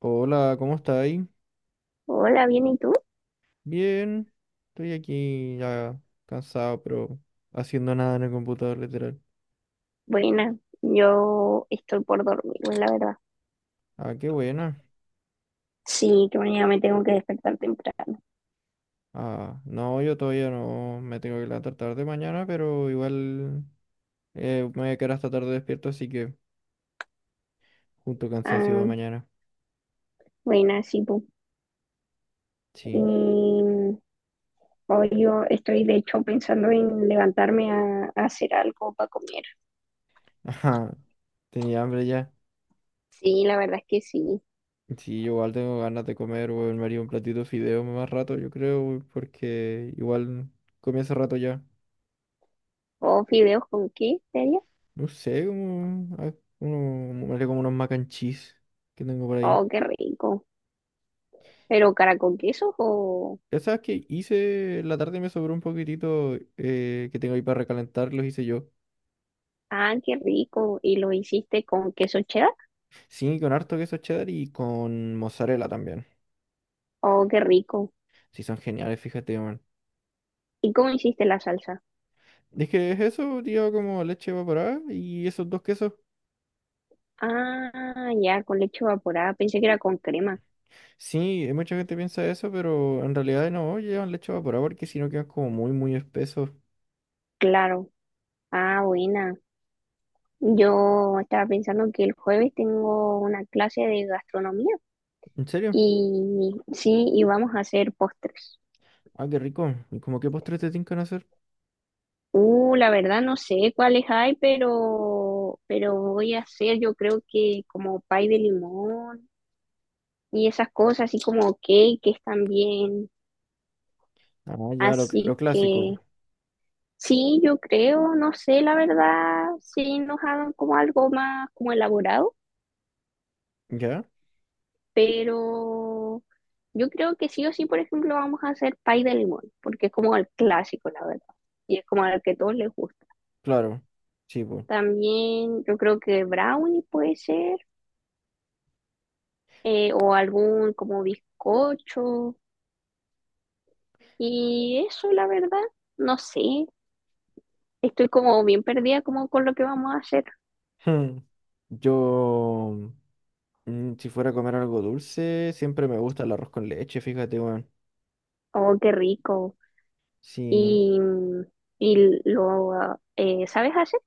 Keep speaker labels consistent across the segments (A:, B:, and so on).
A: Hola, ¿cómo estáis?
B: Hola, bien, ¿y tú?
A: Bien, estoy aquí ya cansado, pero haciendo nada en el computador, literal.
B: Buena, yo estoy por dormirme, la verdad.
A: Ah, qué buena.
B: Sí, que mañana me tengo que despertar temprano.
A: Ah, no, yo todavía no me tengo que levantar tarde mañana, pero igual me voy a quedar hasta tarde despierto, así que junto cansancio para
B: Ah,
A: mañana.
B: buena, sí, tú.
A: Sí.
B: Y hoy yo estoy, de hecho, pensando en levantarme a hacer algo para comer.
A: Ajá, tenía hambre ya.
B: Sí, la verdad es que sí.
A: Sí, yo igual tengo ganas de comer, weón. Me haría un platito de fideo más rato, yo creo, weón, porque igual comí hace rato ya.
B: ¿O fideos con qué, te?
A: No sé, como, me haré como unos mac and cheese que tengo por ahí.
B: Oh, qué rico. ¿Pero cara con queso o?
A: Ya sabes que hice, en la tarde me sobró un poquitito que tengo ahí para recalentar, los hice yo.
B: Ah, qué rico. ¿Y lo hiciste con queso cheddar?
A: Sí, con harto queso cheddar y con mozzarella también.
B: Oh, qué rico.
A: Sí, son geniales, fíjate, man.
B: ¿Y cómo hiciste la salsa?
A: Es que es eso, tío, como leche evaporada y esos dos quesos.
B: Ah, ya, con leche evaporada. Pensé que era con crema.
A: Sí, mucha gente piensa eso, pero en realidad no llevan leche evaporada porque si no quedan como muy, muy espesos.
B: Claro. Ah, buena. Yo estaba pensando que el jueves tengo una clase de gastronomía
A: ¿En serio?
B: y sí, y vamos a hacer postres.
A: Ah, qué rico. ¿Y como qué postres te tincan hacer?
B: La verdad no sé cuáles hay, pero voy a hacer yo creo que como pay de limón y esas cosas, así como cakes también.
A: Ah, ya, lo,
B: Así
A: lo
B: que
A: clásico.
B: sí, yo creo, no sé, la verdad, si nos hagan como algo más como elaborado.
A: ¿Ya?
B: Pero yo creo que sí o sí, por ejemplo, vamos a hacer pay de limón, porque es como el clásico, la verdad, y es como al que todos les gusta.
A: Claro, sí, pues.
B: También yo creo que brownie puede ser, o algún como bizcocho, y eso, la verdad, no sé, estoy como bien perdida como con lo que vamos a hacer.
A: Hmm. Yo, si fuera a comer algo dulce, siempre me gusta el arroz con leche, fíjate, weón.
B: Oh, qué rico.
A: Sí,
B: Y, mm, y lo ¿sabes hacer?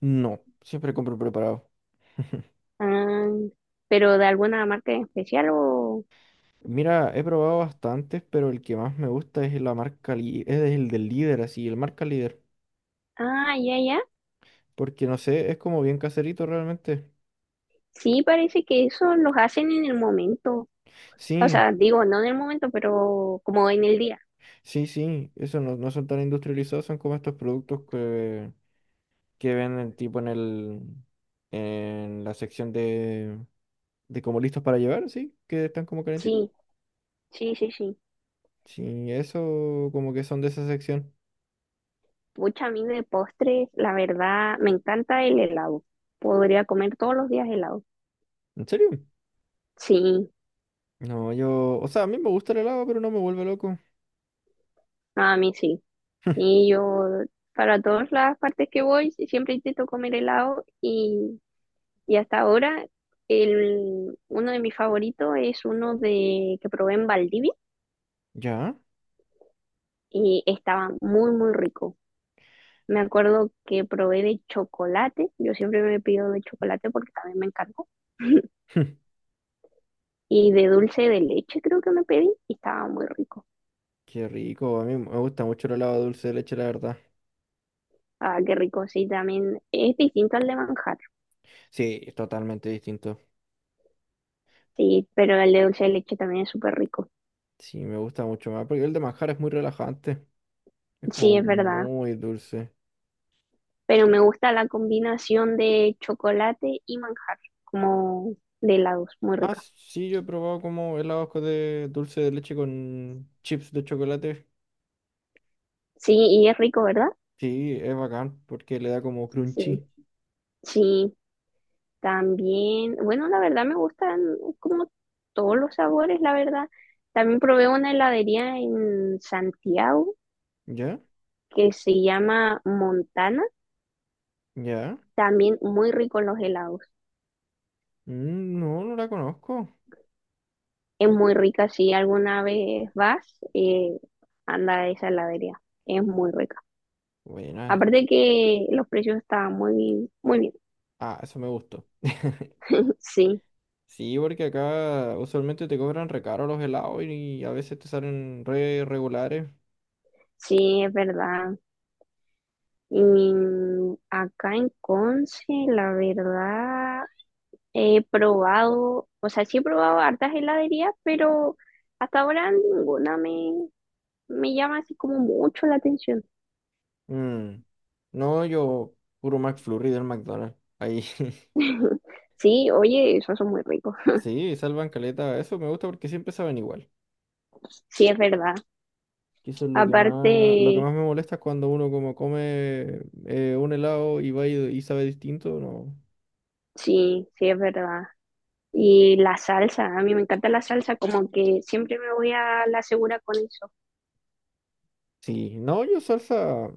A: no, siempre compro preparado.
B: Ah, pero de alguna marca en especial o.
A: Mira, he probado bastantes, pero el que más me gusta es la marca, es el del líder, así, el marca líder.
B: Ah, ya, ya.
A: Porque no sé, es como bien caserito realmente.
B: Sí, parece que eso los hacen en el momento. O
A: Sí,
B: sea, digo, no en el momento, pero como en el día.
A: sí, sí, eso no, no son tan industrializados, son como estos productos que venden tipo en el, en la sección de como listos para llevar, sí, que están como calentitos.
B: Sí, sí, sí, sí.
A: Sí, eso como que son de esa sección.
B: Pucha, a mí de postres, la verdad, me encanta el helado. Podría comer todos los días helado.
A: ¿En serio?
B: Sí,
A: No, o sea, a mí me gusta el helado, pero no me vuelve loco.
B: a mí sí. Sí, yo para todas las partes que voy siempre intento comer helado y hasta ahora el, uno de mis favoritos es uno de que probé en Valdivia
A: ¿Ya?
B: y estaba muy, muy rico. Me acuerdo que probé de chocolate, yo siempre me pido de chocolate porque también me encantó. Y de dulce de leche creo que me pedí y estaba muy rico.
A: Qué rico, a mí me gusta mucho el helado de dulce de leche, la verdad.
B: Ah, qué rico, sí, también es distinto al de manjar,
A: Sí, es totalmente distinto.
B: sí, pero el de dulce de leche también es súper rico.
A: Sí, me gusta mucho más, porque el de manjar es muy relajante. Es como
B: Sí, es verdad,
A: muy dulce.
B: pero me gusta la combinación de chocolate y manjar, como de helados, muy
A: Ah,
B: rica.
A: sí, yo he probado como helados de dulce de leche con chips de chocolate.
B: Sí, y es rico, ¿verdad?
A: Sí, es bacán, porque le da como
B: Sí,
A: crunchy.
B: sí. También, bueno, la verdad me gustan como todos los sabores, la verdad. También probé una heladería en Santiago
A: ¿Ya?
B: que se llama Montana,
A: ¿Ya?
B: también muy rico los helados.
A: Mm, no, no la conozco.
B: Es muy rica, si alguna vez vas, anda a esa heladería, es muy rica.
A: Buena.
B: Aparte que los precios estaban muy bien, muy bien.
A: Ah, eso me gustó.
B: Sí,
A: Sí, porque acá usualmente te cobran recaro los helados y a veces te salen re regulares.
B: sí, es verdad. Y acá en Conce, la verdad. He probado, o sea, sí he probado hartas heladerías, pero hasta ahora ninguna me llama así como mucho la atención.
A: Mm, no, yo puro McFlurry del McDonald's. Ahí.
B: Sí, oye, esos son muy ricos.
A: Sí, salvan caleta. Eso me gusta porque siempre saben igual.
B: Sí, es verdad.
A: Que eso es
B: Aparte,
A: lo que más me molesta es cuando uno como come un helado y va y sabe distinto, no.
B: sí, sí, es verdad. Y la salsa, a mí me encanta la salsa, como que siempre me voy a la segura con eso.
A: Sí, no, yo salsa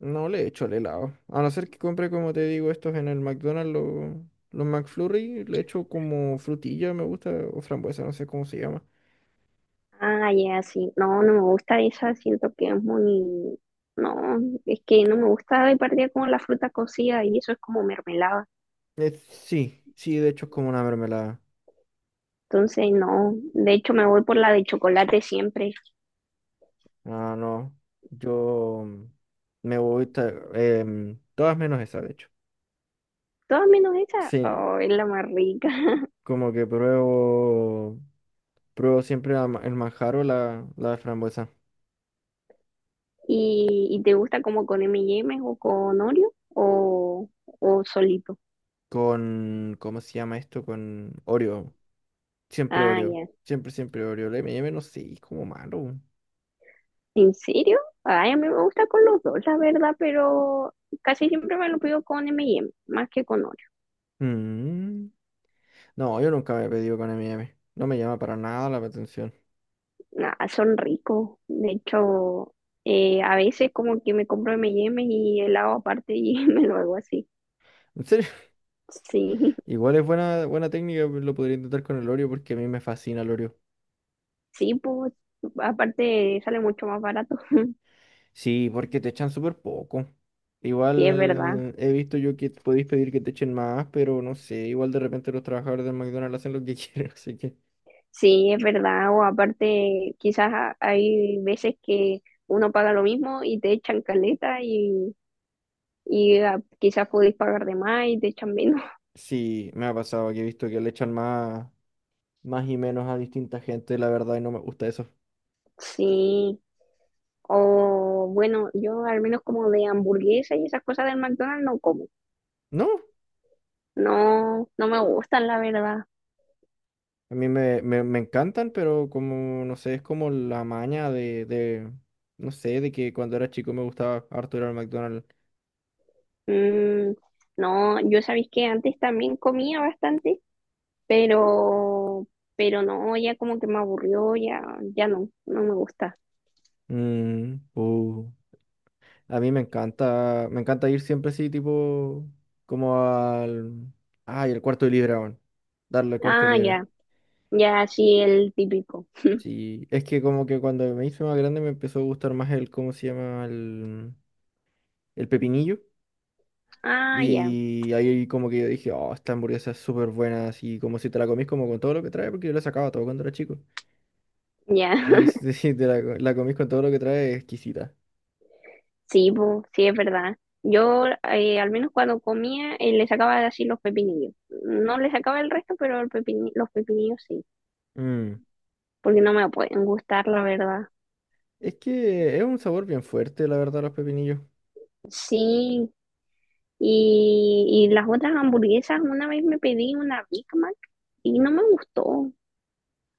A: no le echo al helado. A no ser que compre, como te digo, estos en el McDonald's, los McFlurry, le echo como frutilla, me gusta, o frambuesa, no sé cómo se llama.
B: Ah, ya, sí. No, no me gusta esa, siento que es muy. No, es que no me gusta de partida como la fruta cocida y eso es como mermelada.
A: Sí, sí, de hecho es como una mermelada.
B: Entonces, no. De hecho, me voy por la de chocolate siempre.
A: Ah, no, yo me gusta, todas menos esa, de hecho.
B: Todas menos esa.
A: Sí,
B: Oh, es la más rica.
A: como que pruebo siempre el manjar o la frambuesa.
B: ¿Y te gusta como con M&M o con Oreo o solito?
A: Con, ¿cómo se llama esto? Con Oreo. Siempre
B: Ah,
A: Oreo.
B: ya.
A: Siempre, siempre Oreo. El M&M no sé, es como malo.
B: ¿En serio? Ay, a mí me gusta con los dos, la verdad, pero casi siempre me lo pido con M&M, más que con Oreo.
A: Mm. No, yo nunca me he pedido con M&M. No me llama para nada la atención.
B: Nada, son ricos. De hecho, a veces como que me compro M&M y M y helado aparte y me lo hago así.
A: En serio,
B: Sí.
A: igual es buena, buena técnica, pues, lo podría intentar con el Oreo porque a mí me fascina el Oreo.
B: Sí, pues, aparte sale mucho más barato.
A: Sí, porque te echan súper poco.
B: Sí, es verdad.
A: Igual he visto yo que podéis pedir que te echen más, pero no sé, igual de repente los trabajadores del McDonald's hacen lo que quieren, así que
B: Sí, es verdad. O aparte, quizás hay veces que uno paga lo mismo y te echan caleta y quizás podéis pagar de más y te echan menos.
A: sí, me ha pasado que he visto que le echan más, más y menos a distinta gente, la verdad, y no me gusta eso.
B: Sí. O bueno, yo al menos como de hamburguesa y esas cosas del McDonald's no como.
A: ¿No?
B: No, no me gustan, la verdad.
A: A mí me encantan, pero como, no sé, es como la maña no sé, de que cuando era chico me gustaba harto ir al McDonald's.
B: Mm, no, yo sabéis que antes también comía bastante pero, pero no, ya como que me aburrió, ya, ya no, no me gusta.
A: Mm. A mí me encanta ir siempre así, tipo, como ay, el cuarto de libra, weón. Darle el cuarto de
B: Ah,
A: libra.
B: ya, ya, sí, el típico.
A: Sí, es que como que cuando me hice más grande me empezó a gustar más el, ¿cómo se llama? El pepinillo.
B: Ah, ya,
A: Y ahí como que yo dije, oh, esta hamburguesa es súper buena, así como si te la comís como con todo lo que trae, porque yo la sacaba todo cuando era chico.
B: ya,
A: Y si te la comís con todo lo que trae, es exquisita.
B: sí, po, sí, es verdad. Yo, al menos cuando comía, le sacaba así los pepinillos. No le sacaba el resto, pero el los pepinillos sí,
A: Mm.
B: porque no me pueden gustar, la verdad.
A: Es que es un sabor bien fuerte, la verdad, los pepinillos.
B: Sí, y las otras hamburguesas, una vez me pedí una Big Mac y no me gustó.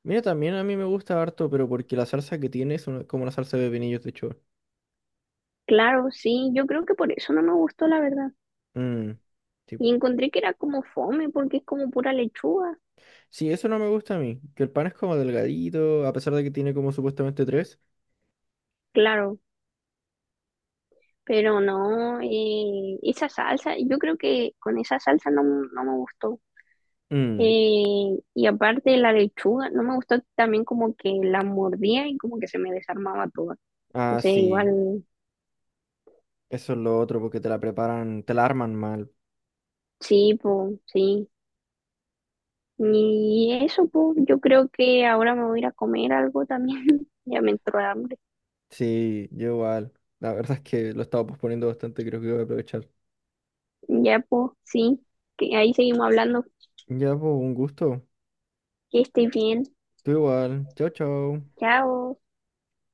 A: Mira, también a mí me gusta harto, pero porque la salsa que tiene es como una salsa de pepinillos de hecho.
B: Claro, sí, yo creo que por eso no me gustó, la verdad.
A: Mm. Sí.
B: Y encontré que era como fome porque es como pura lechuga,
A: Sí, eso no me gusta a mí, que el pan es como delgadito, a pesar de que tiene como supuestamente tres.
B: claro, pero no, esa salsa, yo creo que con esa salsa no, no me gustó.
A: Mm.
B: Y aparte la lechuga, no me gustó también como que la mordía y como que se me desarmaba toda.
A: Ah,
B: Entonces
A: sí,
B: igual,
A: eso es lo otro, porque te la preparan, te la arman mal.
B: sí, pues, sí. Y eso, pues, yo creo que ahora me voy a ir a comer algo también. Ya me entró hambre.
A: Sí, yo igual. La verdad es que lo estaba posponiendo bastante, creo que voy a aprovechar.
B: Ya, pues, sí, que ahí seguimos hablando.
A: Ya, pues, un gusto.
B: Que estés bien.
A: Tú igual. Chao, chao.
B: Chao.